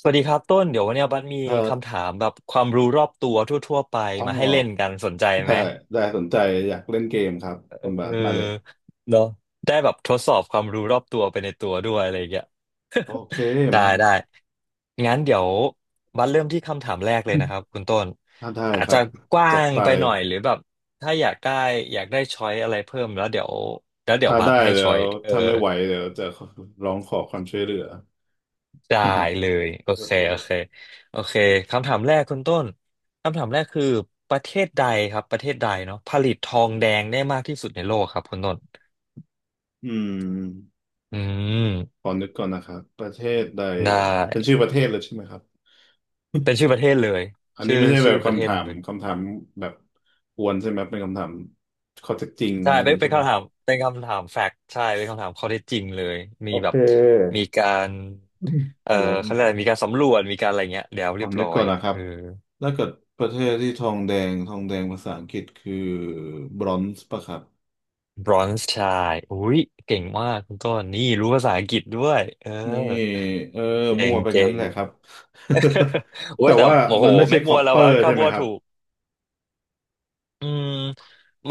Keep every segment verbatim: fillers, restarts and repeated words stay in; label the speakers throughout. Speaker 1: สวัสดีครับต้นเดี๋ยววันเนี้ยบัสมี
Speaker 2: ครั
Speaker 1: คำ
Speaker 2: บ
Speaker 1: ถามแบบความรู้รอบตัวทั่วๆไป
Speaker 2: อ๋อ
Speaker 1: มาให้เล่นกันสนใจ
Speaker 2: ได้
Speaker 1: ไหม
Speaker 2: ได้สนใจอยากเล่นเกมครับคุ
Speaker 1: เอ
Speaker 2: ณ
Speaker 1: อ
Speaker 2: บาสมาเลย
Speaker 1: เนาะได้แบบทดสอบความรู้รอบตัวไปในตัวด้วยอะไรอย่างเงี้ย
Speaker 2: โอเค
Speaker 1: ได้
Speaker 2: มามา
Speaker 1: ได้งั้นเดี๋ยวบัสเริ่มที่คำถามแรกเลยนะ ครับคุณต้น
Speaker 2: ถ้าได้
Speaker 1: อาจ
Speaker 2: ครั
Speaker 1: จะ
Speaker 2: บ
Speaker 1: กว้า
Speaker 2: จัด
Speaker 1: ง
Speaker 2: ไป
Speaker 1: ไปหน่อยหรือแบบถ้าอยากได้อยากได้ช้อยอะไรเพิ่มแล้วเดี๋ยวแล้วเดี๋ยว
Speaker 2: ถ้า
Speaker 1: บั
Speaker 2: ได้
Speaker 1: สให้
Speaker 2: แล้
Speaker 1: ช้อย
Speaker 2: ว
Speaker 1: เออ
Speaker 2: ถ้าไม่ไหวเดี๋ยวจะร้องขอความช่วยเหลือ
Speaker 1: ได้ เลยโอ
Speaker 2: โอ
Speaker 1: เค
Speaker 2: เค
Speaker 1: โอเคโอเคคำถามแรกคุณต้นคำถามแรกคือประเทศใดครับประเทศใดเนาะผลิตทองแดงได้มากที่สุดในโลกครับคุณต้น
Speaker 2: อืม
Speaker 1: อื
Speaker 2: ข
Speaker 1: ม
Speaker 2: อนึกก่อนนะครับประเทศใด
Speaker 1: ได้
Speaker 2: เหรอเป็นชื่อประเทศเลยใช่ไหมครับ
Speaker 1: เป็นชื่อประเทศเลย
Speaker 2: อันนี้
Speaker 1: ชื่อ
Speaker 2: ไม่ใช่แบ
Speaker 1: ชื่
Speaker 2: บ
Speaker 1: อประเท
Speaker 2: คำ
Speaker 1: ศ
Speaker 2: ถาม
Speaker 1: เลย
Speaker 2: คำถามแบบกวนใช่ไหมเป็นคำถามข้อเท็จจริง
Speaker 1: ใช่
Speaker 2: อะไรอ
Speaker 1: เป็
Speaker 2: ย่า
Speaker 1: น
Speaker 2: งนี้
Speaker 1: เป็น
Speaker 2: ใช่ไหม
Speaker 1: คำถามเป็นคำถามแฟกต์ใช่เป็นคำถามข้อเท็จจริงเลยมี
Speaker 2: โอ
Speaker 1: แบ
Speaker 2: เค
Speaker 1: บมีการ
Speaker 2: อืม
Speaker 1: เอ่อเขาเรียกอะไรมีการสำรวจมีการอะไรเงี้ยแล้ว
Speaker 2: ผ
Speaker 1: เรี
Speaker 2: อ
Speaker 1: ยบ
Speaker 2: นึ
Speaker 1: ร้
Speaker 2: ก
Speaker 1: อ
Speaker 2: ก่
Speaker 1: ย
Speaker 2: อนนะครั
Speaker 1: เอ
Speaker 2: บ
Speaker 1: อ
Speaker 2: ถ้าเกิดประเทศที่ทองแดงทองแดงภาษาอังกฤษคือบรอนซ์ปะครับ
Speaker 1: บรอนซ์ชายอุ้ยเก่งมากคุณต้นนี่รู้ภาษาอังกฤษด้วยเออ
Speaker 2: นี่เออ
Speaker 1: เก่
Speaker 2: มั่
Speaker 1: ง
Speaker 2: วไปงั้
Speaker 1: เก่
Speaker 2: น
Speaker 1: ง
Speaker 2: แหละครับ
Speaker 1: โอ้
Speaker 2: แต่
Speaker 1: ยแต่
Speaker 2: ว่า
Speaker 1: โอ้โห
Speaker 2: มันไม่ใช่
Speaker 1: ไม่
Speaker 2: ค
Speaker 1: มั
Speaker 2: อ
Speaker 1: ว
Speaker 2: ป
Speaker 1: แล้
Speaker 2: เป
Speaker 1: ว
Speaker 2: อ
Speaker 1: วะ
Speaker 2: ร์
Speaker 1: ถ้า
Speaker 2: ใช่ไหม
Speaker 1: มัว
Speaker 2: ครับ
Speaker 1: ถูกอืม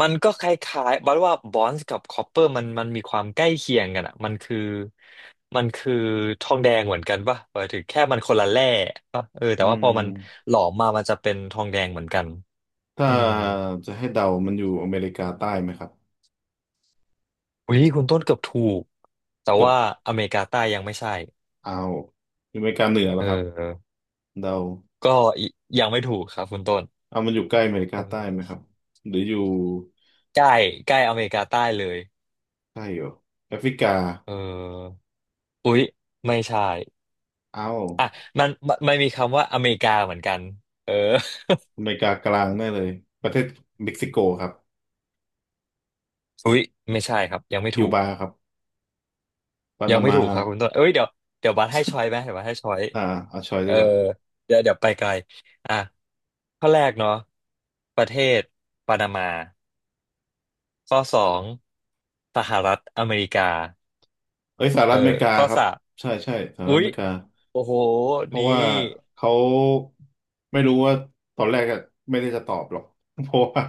Speaker 1: มันก็คล้ายๆบัดว่าบอนซ์กับคอปเปอร์มันมันมีความใกล้เคียงกันอ่ะมันคือมันคือทองแดงเหมือนกันป่ะหมายถึงแค่มันคนละแร่ป่ะเออแต่
Speaker 2: อื
Speaker 1: ว่า
Speaker 2: ม
Speaker 1: พอมันหลอมมามันจะเป็นทองแดงเหมือนกัน
Speaker 2: ถ้า
Speaker 1: อืม
Speaker 2: จะให้เดามันอยู่อเมริกาใต้ไหมครับ
Speaker 1: อุ้ยคุณต้นเกือบถูกแต่
Speaker 2: เกือบ
Speaker 1: ว่าอเมริกาใต้ยังไม่ใช่
Speaker 2: เอาวอยู่อเมริกาเหนือ
Speaker 1: เอ
Speaker 2: แล้วครับ
Speaker 1: อ
Speaker 2: เดา
Speaker 1: ก็ยยังไม่ถูกครับคุณต้น
Speaker 2: เอามันอยู่ใกล้อเมริ
Speaker 1: เ
Speaker 2: กาใต้ไหมค
Speaker 1: ออ
Speaker 2: รับหรืออยู่
Speaker 1: ใกล้ใกล้อเมริกาใต้เลย
Speaker 2: ใกล้เหรอแอฟริกา
Speaker 1: เออ อุ๊ยไม่ใช่
Speaker 2: เอา
Speaker 1: อ่ะมันมันมันมีคำว่าอเมริกาเหมือนกันเออ
Speaker 2: อ เมริกากลางแน่เลยประเทศเม็กซิโกครับ
Speaker 1: อุ๊ยไม่ใช่ครับยังไม่
Speaker 2: คิว
Speaker 1: ถูก
Speaker 2: บาครับ ปา
Speaker 1: ยัง
Speaker 2: นา
Speaker 1: ไม่
Speaker 2: มา
Speaker 1: ถูกครับคุณต้น เอ้ยเดี๋ยวเดี๋ยวบัสให้ช้อยไหมเดี๋ยวบัสให้ช้อย
Speaker 2: อ่าเอาชอย
Speaker 1: เอ
Speaker 2: ดี
Speaker 1: อ
Speaker 2: กว่า
Speaker 1: เดี๋ยวเดี๋ยวไปไกลอ่ะข้อแรกเนาะประเทศปานามาข้อสองสหรัฐอเมริกา
Speaker 2: เอ้ยสห
Speaker 1: เอ
Speaker 2: รั
Speaker 1: อ
Speaker 2: ฐอเมริกา
Speaker 1: ข้อ
Speaker 2: ครับ
Speaker 1: สาม
Speaker 2: ใช่ใช่สหรั
Speaker 1: อุ๊
Speaker 2: ฐอ
Speaker 1: ย
Speaker 2: เมริกา
Speaker 1: โอ้โห
Speaker 2: เพ
Speaker 1: นี่
Speaker 2: ราะว่าเขาไม่รู้ว่าตอนแรกอะไม่ได้จะตอบหรอก เพราะว่า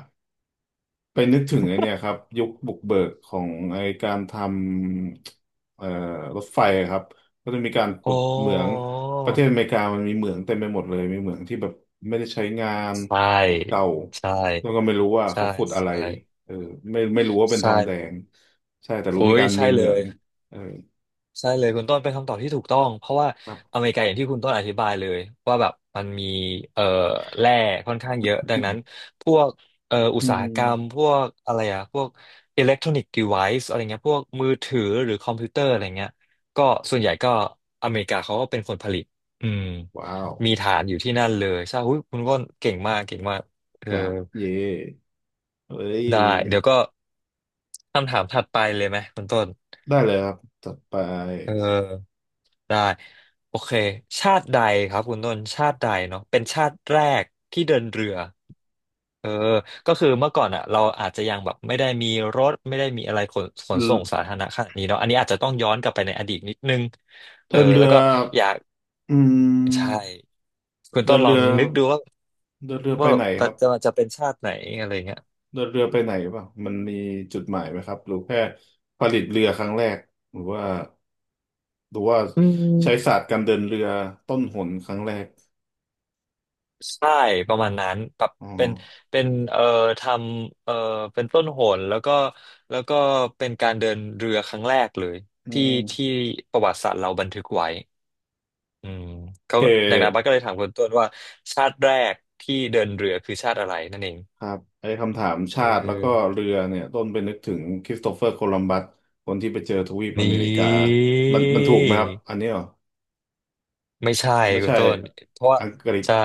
Speaker 2: ไปนึกถึงไอเนี่ยครับยุคบุกเบิกของไอการทำเอ่อรถไฟอะครับก็จะมีการขุ
Speaker 1: โอ้
Speaker 2: ดเหมืองประเทศอเมริกามันมีเหมืองเต็มไปหมดเลยมีเหมืองที่แบบไม่ได้ใช้งาน
Speaker 1: ใช่
Speaker 2: เหมืองเก่า
Speaker 1: ใช
Speaker 2: แล้วก็
Speaker 1: ่
Speaker 2: ไม่รู้ว่า
Speaker 1: ใช่
Speaker 2: เขาขุดอะไร
Speaker 1: ใช่
Speaker 2: เออไม่ไม่รู้ว่าเป็นท
Speaker 1: ใช่
Speaker 2: องแดงใช่แต่รู้
Speaker 1: โอ้
Speaker 2: มี
Speaker 1: ย
Speaker 2: การ
Speaker 1: ใช่
Speaker 2: มีเห
Speaker 1: เล
Speaker 2: มือ
Speaker 1: ย
Speaker 2: งเออ
Speaker 1: ใช่เลยคุณต้นเป็นคำตอบที่ถูกต้องเพราะว่า
Speaker 2: ครับ
Speaker 1: อเมริกาอย่างที่คุณต้นอธิบายเลยว่าแบบมันมีเอ่อแร่ค่อนข้างเยอะ ดั
Speaker 2: อื
Speaker 1: งนั้น
Speaker 2: ม
Speaker 1: พวกเอ่ออุตสาหกรรมพวกอะไรอะพวกอิเล็กทรอนิกส์ดีไวซ์อะไรเงี้ยพวกมือถือหรือคอมพิวเตอร์อะไรเงี้ยก็ส่วนใหญ่ก็อเมริกาเขาก็เป็นคนผลิตอืม
Speaker 2: ว้าว
Speaker 1: มีฐานอยู่ที่นั่นเลยใช่หุ้ยคุณต้นเก่งมากเก่งมากเอ
Speaker 2: ค
Speaker 1: อ
Speaker 2: รับเย่เอ้ย
Speaker 1: ได้เดี๋ยวก็คำถามถัดไปเลยไหมคุณต้น
Speaker 2: ได้เลยครับจัดไป
Speaker 1: เออ ได้โอเคชาติใดครับคุณต้นชาติใดเนาะเป็นชาติแรกที่เดินเรือเออก็คือเมื่อก่อนอ่ะเราอาจจะยังแบบไม่ได้มีรถไม่ได้มีอะไรขนขน
Speaker 2: เรือ
Speaker 1: ส่งสาธารณะขนาดนี้เนาะอันนี้อาจจะต้องย้อนกลับไปในอดีตนิดนึงเอ
Speaker 2: เดิ
Speaker 1: อ
Speaker 2: นเรื
Speaker 1: แล้ว
Speaker 2: อ
Speaker 1: ก็อยาก
Speaker 2: อื
Speaker 1: ใช่
Speaker 2: ม
Speaker 1: คุณ
Speaker 2: เดิ
Speaker 1: ต้น
Speaker 2: น
Speaker 1: ล
Speaker 2: เรื
Speaker 1: อง
Speaker 2: อ
Speaker 1: นึกดูว่า
Speaker 2: เดินเรือไป
Speaker 1: ว่า
Speaker 2: ไหนค
Speaker 1: จะ
Speaker 2: รับ
Speaker 1: จะเป็นชาติไหนอะไรเงี้ย
Speaker 2: เดินเรือไปไหนป่ะมันมีจุดหมายไหมครับหรือแค่ผลิตเรือครั้งแรกหรือว่าหรือว่า
Speaker 1: อื
Speaker 2: ใช้ศา
Speaker 1: ม
Speaker 2: สตร์การเดินเรือต้นหนครั้งแรก
Speaker 1: ใช่ประมาณนั้นแบบ
Speaker 2: อ๋อ
Speaker 1: เป็นเป็นเอ่อทำเอ่อเป็นต้นโหนแล้วก็แล้วก็เป็นการเดินเรือครั้งแรกเลย
Speaker 2: อื
Speaker 1: ที่ที่
Speaker 2: ม
Speaker 1: ประวัติศาสตร์เราบันทึกไว้อืม
Speaker 2: โอ
Speaker 1: เขา
Speaker 2: เค
Speaker 1: ดังนั้นบัสก็เลยถามคุณต้นว่าชาติแรกที่เดินเรือคือชาติอะไรนั่นเอง
Speaker 2: ครับไอ้คำถาม
Speaker 1: เอ
Speaker 2: ชาติแล้วก็
Speaker 1: อ
Speaker 2: เรือเนี่ยต้นไปนึกถึงคริสโตเฟอร์โคลัมบัสคนที่ไปเจอทวีปอ
Speaker 1: นี่
Speaker 2: เมริกามันมันถูกไหมครับอันนี้เหรอ
Speaker 1: ไม่ใช่
Speaker 2: ไม่
Speaker 1: คุณ
Speaker 2: ใช่
Speaker 1: ต้นเพราะว่า
Speaker 2: อังกฤษ
Speaker 1: ใช่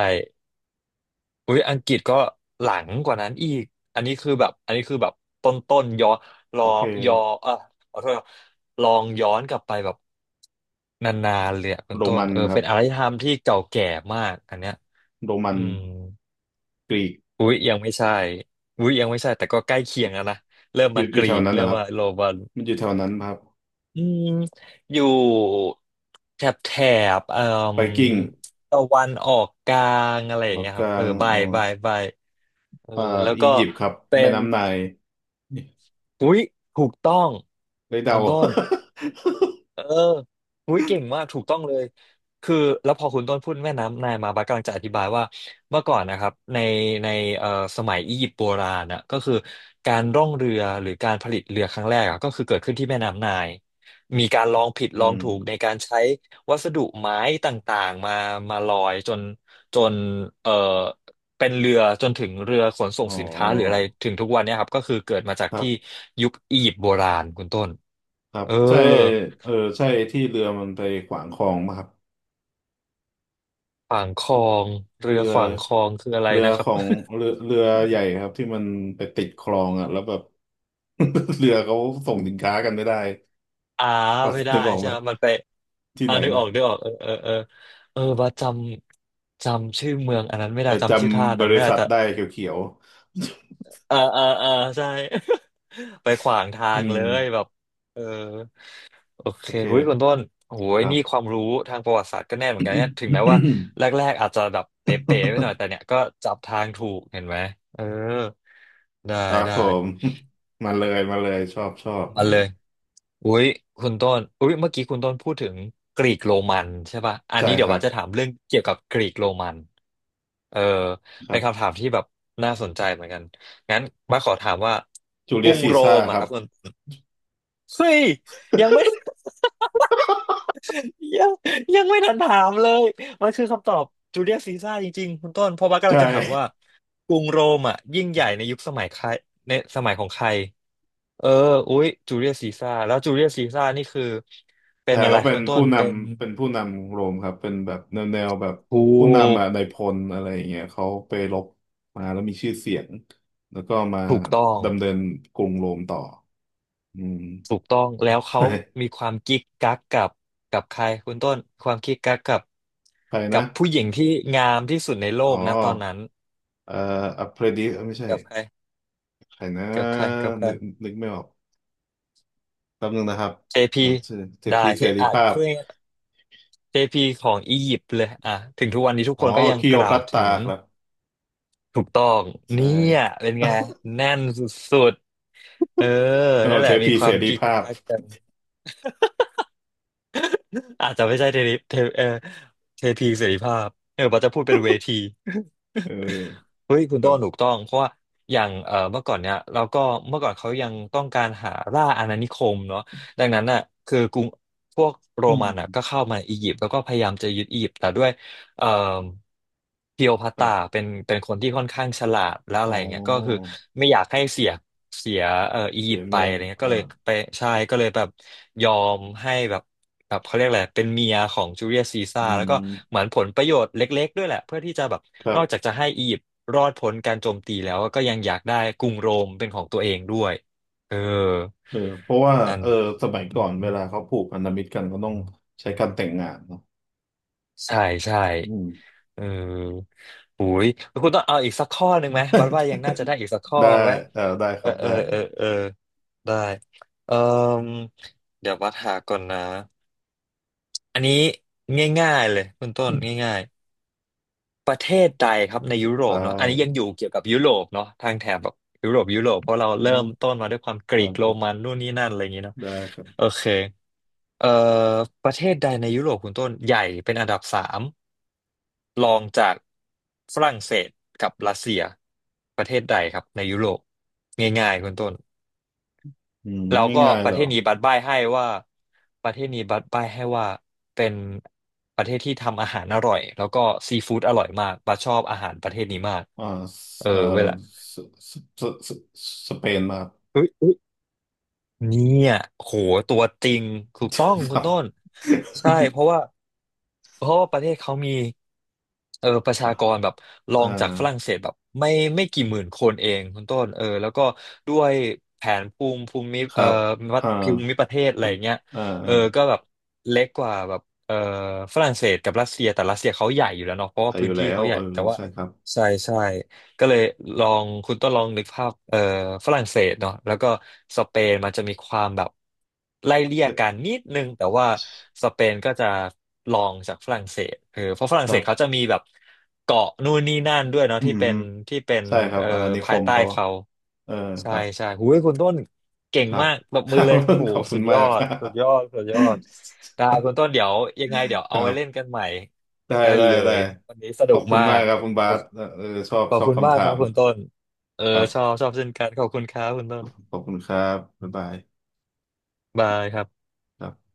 Speaker 1: อุ้ยอังกฤษก็หลังกว่านั้นอีก อันนี้คือแบบอันนี้คือแบบต้นต้นย้อนร
Speaker 2: โอ
Speaker 1: อ
Speaker 2: เค
Speaker 1: ย้อเออขอโทษครับลองย้อนกลับไปแบบนานๆเลยอะคุณ
Speaker 2: โร
Speaker 1: ต้น
Speaker 2: มัน
Speaker 1: เออ
Speaker 2: ครับ
Speaker 1: เป็นอารยธรรมที่เก่าแก่มากอันเนี้ย
Speaker 2: โรมั
Speaker 1: อื
Speaker 2: น
Speaker 1: ม
Speaker 2: กรีก
Speaker 1: อุ้ยยังไม่ใช่อุ้ยยังไม่ใช่แต่ก็ใกล้เคียงแล้วนะเริ่ม
Speaker 2: อยู่
Speaker 1: มา
Speaker 2: อ
Speaker 1: ก
Speaker 2: ยู่
Speaker 1: รี
Speaker 2: แถว
Speaker 1: ก
Speaker 2: นั้น
Speaker 1: เริ่
Speaker 2: นะ
Speaker 1: ม
Speaker 2: ครับ
Speaker 1: มาโรมัน
Speaker 2: มันอยู่แถวนั้นครับ
Speaker 1: อืมอยู่แถบแถบเอ่อ
Speaker 2: ไบกิ้ง
Speaker 1: ตะวันออกกลางอะไรอย่าง
Speaker 2: เกาะ
Speaker 1: เงี้ย
Speaker 2: ก
Speaker 1: ครับ
Speaker 2: ลา
Speaker 1: เออ
Speaker 2: ง
Speaker 1: ใบ
Speaker 2: อ๋อ
Speaker 1: ใบใบเออ
Speaker 2: อ่า
Speaker 1: แล้ว
Speaker 2: อี
Speaker 1: ก็
Speaker 2: ยิปต์ครับ
Speaker 1: เป็
Speaker 2: แม่
Speaker 1: น
Speaker 2: น้ำไนล์
Speaker 1: อุ๊ยถูกต้อง
Speaker 2: ไลย
Speaker 1: คุ
Speaker 2: เดา
Speaker 1: ณ ต้น เออหุ้ยเก่งมาก ถูกต้องเลยคือแล้วพอคุณต้นพูดแม่น้ำนายมาบัสกำลังจะอธิบายว่า เมื่อก่อนนะครับในในเอ่อสมัยอียิปต์โบราณนะก็คือ การร่องเรือหรือการผลิตเรือครั้งแรกอะก็คือเกิดขึ้นที่แม่น้ำนาย มีการลองผิด
Speaker 2: อื
Speaker 1: ลอง
Speaker 2: ม
Speaker 1: ถูกในการใช้วัสดุไม้ต่างๆมามาลอยจนจนเอ่อเป็นเรือจนถึงเรือขนส่ง
Speaker 2: อ๋อ
Speaker 1: สินค้าหรืออะไรถึงทุกวันเนี้ยครับก็คือเกิดมาจา
Speaker 2: ค
Speaker 1: ก
Speaker 2: รั
Speaker 1: ที่
Speaker 2: บ
Speaker 1: ยุคอียิปต์โบราณคุณต้น
Speaker 2: ครับ
Speaker 1: เออ
Speaker 2: ใช่เออใช่ที่เรือมันไปขวางคลองมาครับ
Speaker 1: ขวางคลองเรือ
Speaker 2: เรือ
Speaker 1: ขวางคลองคืออะไร
Speaker 2: เรือ
Speaker 1: นะค
Speaker 2: ข
Speaker 1: รับ
Speaker 2: อง เรือเรือใหญ่ครับที่มันไปติดคลองอ่ะแล้วแบบ เรือเขาส่งสินค้ากันไม่ได้
Speaker 1: อ่า
Speaker 2: ก็
Speaker 1: ไม่ได้
Speaker 2: นึกออก
Speaker 1: ใช่
Speaker 2: ไหม
Speaker 1: ไหมมันไป
Speaker 2: ที่
Speaker 1: อ่า
Speaker 2: ไหน
Speaker 1: นึกอ
Speaker 2: นะ
Speaker 1: อกนึกออกเออเออเออเออว่าจำจำชื่อเมืองอันนั้นไม่ได้
Speaker 2: แต่จ
Speaker 1: จำชื่อท่า
Speaker 2: ำบ
Speaker 1: นั้นไม่
Speaker 2: ริ
Speaker 1: ได้
Speaker 2: ษัท
Speaker 1: แต่
Speaker 2: ได้เขียว
Speaker 1: เออเออเออใช่ ไปขวาง
Speaker 2: ๆ
Speaker 1: ทา
Speaker 2: อื
Speaker 1: งเล
Speaker 2: ม
Speaker 1: ยแบบเออโอเค
Speaker 2: โอเค
Speaker 1: หุยคุณต้นโอ้
Speaker 2: ค
Speaker 1: ย
Speaker 2: รั
Speaker 1: นี่ควา
Speaker 2: บ
Speaker 1: มรู้ทางประวัติศาสตร์ก็แน่นเหมือนกัน เนี่ยถึงแม้ว่า แรกๆอาจจะแบบเป๋ๆไปหน่อยแต่เนี่ยก็จับทางถูกเห็นไหมเออได้
Speaker 2: ครับ
Speaker 1: ได้
Speaker 2: ผม มาเลยมาเลยชอบชอบ
Speaker 1: มา
Speaker 2: มา
Speaker 1: เล
Speaker 2: อี
Speaker 1: ย
Speaker 2: ก
Speaker 1: อุ้ยคุณต้นอุ้ยเมื่อกี้คุณต้นพูดถึงกรีกโรมันใช่ป่ะอัน
Speaker 2: ใช่
Speaker 1: นี้เดี๋
Speaker 2: ค
Speaker 1: ยว
Speaker 2: รับ
Speaker 1: ว่าจะถามเรื่องเกี่ยวกับกรีกโรมันเออ
Speaker 2: ค
Speaker 1: เป็
Speaker 2: รั
Speaker 1: นคำ
Speaker 2: บ
Speaker 1: ถามที่แบบน่าสนใจเหมือนกัน งั้นบ้าสขอถามว่า
Speaker 2: จู
Speaker 1: ก
Speaker 2: เลี
Speaker 1: รุ
Speaker 2: ยส
Speaker 1: ง
Speaker 2: ซี
Speaker 1: โร
Speaker 2: ซ่าร์
Speaker 1: ม
Speaker 2: ค
Speaker 1: อะ
Speaker 2: รั
Speaker 1: ครั
Speaker 2: บ
Speaker 1: บคุณเฮ้ยยังไม่ ยังยังไม่ทันถามเลยมันคือคำตอบจูเลียสซีซ่าจริงๆคุณต้นเพราะว่ากำลั
Speaker 2: ใช่
Speaker 1: งจะ ถามว่ากรุงโรมอะยิ่งใหญ่ในยุคสมัยใครในสมัยของใคร เอออุ๊ยจูเลียสซีซ่าร์แล้วจูเลียสซีซ่าร์นี่คือเป็น
Speaker 2: ใช่
Speaker 1: อะไร
Speaker 2: เขาเป็
Speaker 1: คุ
Speaker 2: น
Speaker 1: ณต้
Speaker 2: ผู้
Speaker 1: น
Speaker 2: น
Speaker 1: เป็น
Speaker 2: ำเป็นผู้นำโรมครับเป็นแบบแนวแนวแบบ
Speaker 1: ถู
Speaker 2: ผู้นำ
Speaker 1: ก
Speaker 2: อ่ะในายพลอะไรอย่างเงี้ยเขาไปรบมาแล้วมีชื่อเสียงแล้วก็มา
Speaker 1: ถูกต้อง
Speaker 2: ดำเนินกรุงโรมต่ออืม
Speaker 1: ถูกต้องแล้วเขา
Speaker 2: ใช่
Speaker 1: มีความกิ๊กกักกับกับใครคุณต้นความกิ๊กกักกับ
Speaker 2: ใคร
Speaker 1: กั
Speaker 2: นะ
Speaker 1: บผู้หญิงที่งามที่สุดในโล
Speaker 2: อ๋อ
Speaker 1: กนะตอนนั้น
Speaker 2: เอ่ออัปเพรดิสไม่ใช่
Speaker 1: กับใคร
Speaker 2: ใครนะ
Speaker 1: กับใครกับใคร
Speaker 2: นึกนึกไม่ออกแป๊บนึงนะครับ
Speaker 1: เจ
Speaker 2: เอ่อ
Speaker 1: พี
Speaker 2: ชื่อเส
Speaker 1: ได้
Speaker 2: พีเส
Speaker 1: ที่
Speaker 2: รี
Speaker 1: อ่ะ
Speaker 2: ภาพ
Speaker 1: พูดง่ายๆเจพีของอียิปต์เลยอ่ะถึงทุกวันนี้ทุก
Speaker 2: อ๋
Speaker 1: ค
Speaker 2: อ
Speaker 1: นก็ยัง
Speaker 2: คลี
Speaker 1: ก
Speaker 2: โอ
Speaker 1: ล่า
Speaker 2: พั
Speaker 1: ว
Speaker 2: ตตา
Speaker 1: ถึง
Speaker 2: ครับ
Speaker 1: ถูกต้อง
Speaker 2: ใช่
Speaker 1: เนี่ยเป็นไงแน่นสุด เออ
Speaker 2: เออ
Speaker 1: นั่นแห
Speaker 2: เท
Speaker 1: ละมี
Speaker 2: พี
Speaker 1: ค
Speaker 2: เส
Speaker 1: วาม
Speaker 2: รี
Speaker 1: กิ๊ก
Speaker 2: ภาพ
Speaker 1: กักกัน อาจจะไม่ใช่เทริเทเออเทพีเสรีภาพเออว่าจะพูดเป็นเวที
Speaker 2: เออ
Speaker 1: เฮ้ยคุณ
Speaker 2: ครั
Speaker 1: โต้
Speaker 2: บ
Speaker 1: นถูกต้องเพราะว่าอย่างเอ่อเมื่อก่อนเนี่ยเราก็เมื่อก่อนเขายังต้องการหาล่าอาณานิคมเนาะดังนั้นน่ะคือกรุงพวกโร
Speaker 2: อื
Speaker 1: มันอ่ะ
Speaker 2: ม
Speaker 1: ก็เข้ามาอียิปต์แล้วก็พยายามจะยึดอียิปต์แต่ด้วย เอ่อพีโอพัต
Speaker 2: ครั
Speaker 1: ตา
Speaker 2: บ
Speaker 1: เป็นเป็นคนที่ค่อนข้างฉลาดแล้วอะ
Speaker 2: อ๋อ
Speaker 1: ไรเงี้ยก็คือไม่อยากให้เสียเสียเอ่ออี
Speaker 2: เสี
Speaker 1: ยิป
Speaker 2: ย
Speaker 1: ต์ไป
Speaker 2: เมือง
Speaker 1: อะไรเงี้ย
Speaker 2: เออ
Speaker 1: ก็เลยไปใช่ก็เลยแบบยอมให้แบบแบบเขาเรียกอะไรเป็นเมียของจูเลียสซีซ่า
Speaker 2: อื
Speaker 1: ร์แล้วก็เหมื
Speaker 2: ม
Speaker 1: อนผลประโยชน์เล็กๆด้วยแหละเพื่อที่จะแบบ
Speaker 2: ครั
Speaker 1: นอกจา
Speaker 2: บ
Speaker 1: กจะให้อียิปต์รอดพ้นการโจมตีแล้วก็ยังอยากได้กรุงโรมเป็นของตัวเองด้วยเออ
Speaker 2: เออเพราะว่า
Speaker 1: นั่น
Speaker 2: เออสมัยก่อนเวลาเขาผูกพันธมิตรกันก็ต้องใช้การแต่งงานเนาะ
Speaker 1: ใช่ใช่
Speaker 2: อืม
Speaker 1: เออโอ้ยคุณต้องเอาอีกสักข้อหนึ่งไหมบัดว่ายังน่าจะได้อีกสักข้อ
Speaker 2: ได้
Speaker 1: ไหม
Speaker 2: เออได้ค
Speaker 1: เออ
Speaker 2: รับ
Speaker 1: เออ
Speaker 2: ได้
Speaker 1: เออเออได้เออเดี๋ยวบัดหาก่อนนะอันนี้ง่ายๆเลยคุณต้นง่ายๆประเทศใดครับในยุโร
Speaker 2: ได
Speaker 1: ปเนาะอันนี้ยังอ
Speaker 2: ้
Speaker 1: ยู่เกี่ยวกับยุโรปเนาะทางแถบแบบยุโรปยุโรปเพราะเรา
Speaker 2: อื
Speaker 1: เริ่
Speaker 2: ม
Speaker 1: มต้นมาด้วยความก
Speaker 2: ได้
Speaker 1: รีก
Speaker 2: ค
Speaker 1: โร
Speaker 2: รั
Speaker 1: มั
Speaker 2: บ
Speaker 1: นนู่นนี่นั่นอะไรอย่างงี้เนาะ
Speaker 2: ได้ครับ
Speaker 1: โอเคเอ่อประเทศใดในยุโรปคุณต้นใหญ่เป็นอันดับสาม รองจากฝรั่งเศสกับรัสเซียประเทศใดครับในยุโรปง่ายๆคุณต้น
Speaker 2: อืม
Speaker 1: แล้วก็
Speaker 2: ง่าย
Speaker 1: ป
Speaker 2: ๆเห
Speaker 1: ระ
Speaker 2: ร
Speaker 1: เท
Speaker 2: อ
Speaker 1: ศนี้บัดบ้ายให้ว่าประเทศนี้บัดบ้ายให้ว่าเป็นประเทศที่ทำอาหารอร่อยแล้วก็ซีฟู้ดอร่อยมากบัดชอบอาหารประเทศนี้มาก
Speaker 2: อ่า
Speaker 1: เออ
Speaker 2: เออ
Speaker 1: เวลา
Speaker 2: สสสสสสเปนมา
Speaker 1: เฮ้ย เนี่ยโหตัวจริงถูกต้อง
Speaker 2: ค
Speaker 1: คุ
Speaker 2: รั
Speaker 1: ณต้
Speaker 2: บ
Speaker 1: นใช่ เพราะว่าเพราะว่าประเทศเขามีเออประชาก รแบบรอ
Speaker 2: อ่า
Speaker 1: งจากฝรั่งเศสแบบไม่ไม่กี่หมื่นคนเองคุณต้นเออแล้วก็ด้วยแผนภูมิภูมิ
Speaker 2: ค
Speaker 1: เอ่
Speaker 2: รั
Speaker 1: อ
Speaker 2: บ
Speaker 1: วัด
Speaker 2: อ่า
Speaker 1: ภูมิประเทศอะ
Speaker 2: คุ
Speaker 1: ไร
Speaker 2: ณ
Speaker 1: อย่างเงี้ย
Speaker 2: อ่า
Speaker 1: เอ
Speaker 2: อ่า
Speaker 1: อก็แบบเล็กกว่าแบบเอ่อฝรั่งเศสกับรัสเซียแต่รัสเซียเขาใหญ่อยู่แล้วเนาะเพราะ
Speaker 2: ไป
Speaker 1: ว่า
Speaker 2: อ
Speaker 1: พื้
Speaker 2: ยู่
Speaker 1: นที่
Speaker 2: แล้ว
Speaker 1: เขาให
Speaker 2: เอ
Speaker 1: ญ่
Speaker 2: อ
Speaker 1: แต่ว่า
Speaker 2: ใช่ครับ
Speaker 1: ใช่ใช่ ก็เลยลองคุณต้องลองนึกภาพเอ่อฝรั่งเศสเนาะแล้วก็สเปนมันจะมีความแบบไล่เลี่ย
Speaker 2: เอ๊ะ
Speaker 1: กันนิดนึงแต่ว่าสเปนก็จะลองจากฝรั่งเศสเออเพราะฝรั่
Speaker 2: ค
Speaker 1: งเศ
Speaker 2: รั
Speaker 1: สเขา
Speaker 2: บ
Speaker 1: จะมีแบบเกาะนู่นนี่นั่นด้วยเนาะ
Speaker 2: อื
Speaker 1: ที่
Speaker 2: ม
Speaker 1: เป็
Speaker 2: ฮึ
Speaker 1: นที่เป็น
Speaker 2: ใช่ครับ
Speaker 1: เอ่อ
Speaker 2: อาณานิค
Speaker 1: ภาย
Speaker 2: ม
Speaker 1: ใต้
Speaker 2: เขา
Speaker 1: เขา
Speaker 2: เออค
Speaker 1: ใช่
Speaker 2: รับ
Speaker 1: ใช่หูยคุณต้นเก่ง
Speaker 2: ครับ
Speaker 1: มากปรบ
Speaker 2: ค
Speaker 1: มือ
Speaker 2: รั
Speaker 1: เล
Speaker 2: บ
Speaker 1: ยโห
Speaker 2: ขอบคุ
Speaker 1: สุ
Speaker 2: ณ
Speaker 1: ดย
Speaker 2: มา
Speaker 1: อ
Speaker 2: กค
Speaker 1: ด
Speaker 2: รั
Speaker 1: สุดยอ
Speaker 2: บ
Speaker 1: ดสุดยอดได้คุณต้นเดี๋ยวยังไงเดี๋ยว
Speaker 2: ค
Speaker 1: เอา
Speaker 2: รั
Speaker 1: ไว้เล่น
Speaker 2: บ
Speaker 1: กันใหม่
Speaker 2: ได้
Speaker 1: ได้
Speaker 2: ได้
Speaker 1: เล
Speaker 2: ได้
Speaker 1: ยวันนี้ส
Speaker 2: ข
Speaker 1: นุ
Speaker 2: อ
Speaker 1: ก
Speaker 2: บคุณ
Speaker 1: มา
Speaker 2: มาก
Speaker 1: ก
Speaker 2: ครับ คุณบาสเออเออชอบ
Speaker 1: ขอ
Speaker 2: ช
Speaker 1: บ
Speaker 2: อบ
Speaker 1: คุณมา
Speaker 2: คำ
Speaker 1: ก
Speaker 2: ถา
Speaker 1: ครับ
Speaker 2: ม
Speaker 1: คุณต้นเออ
Speaker 2: ครั
Speaker 1: ชอ
Speaker 2: บ
Speaker 1: บชอบเช่นกันขอบคุณครับคุณต้น
Speaker 2: ขอบคุณครับบ๊ายบาย
Speaker 1: บายครับ
Speaker 2: ครับ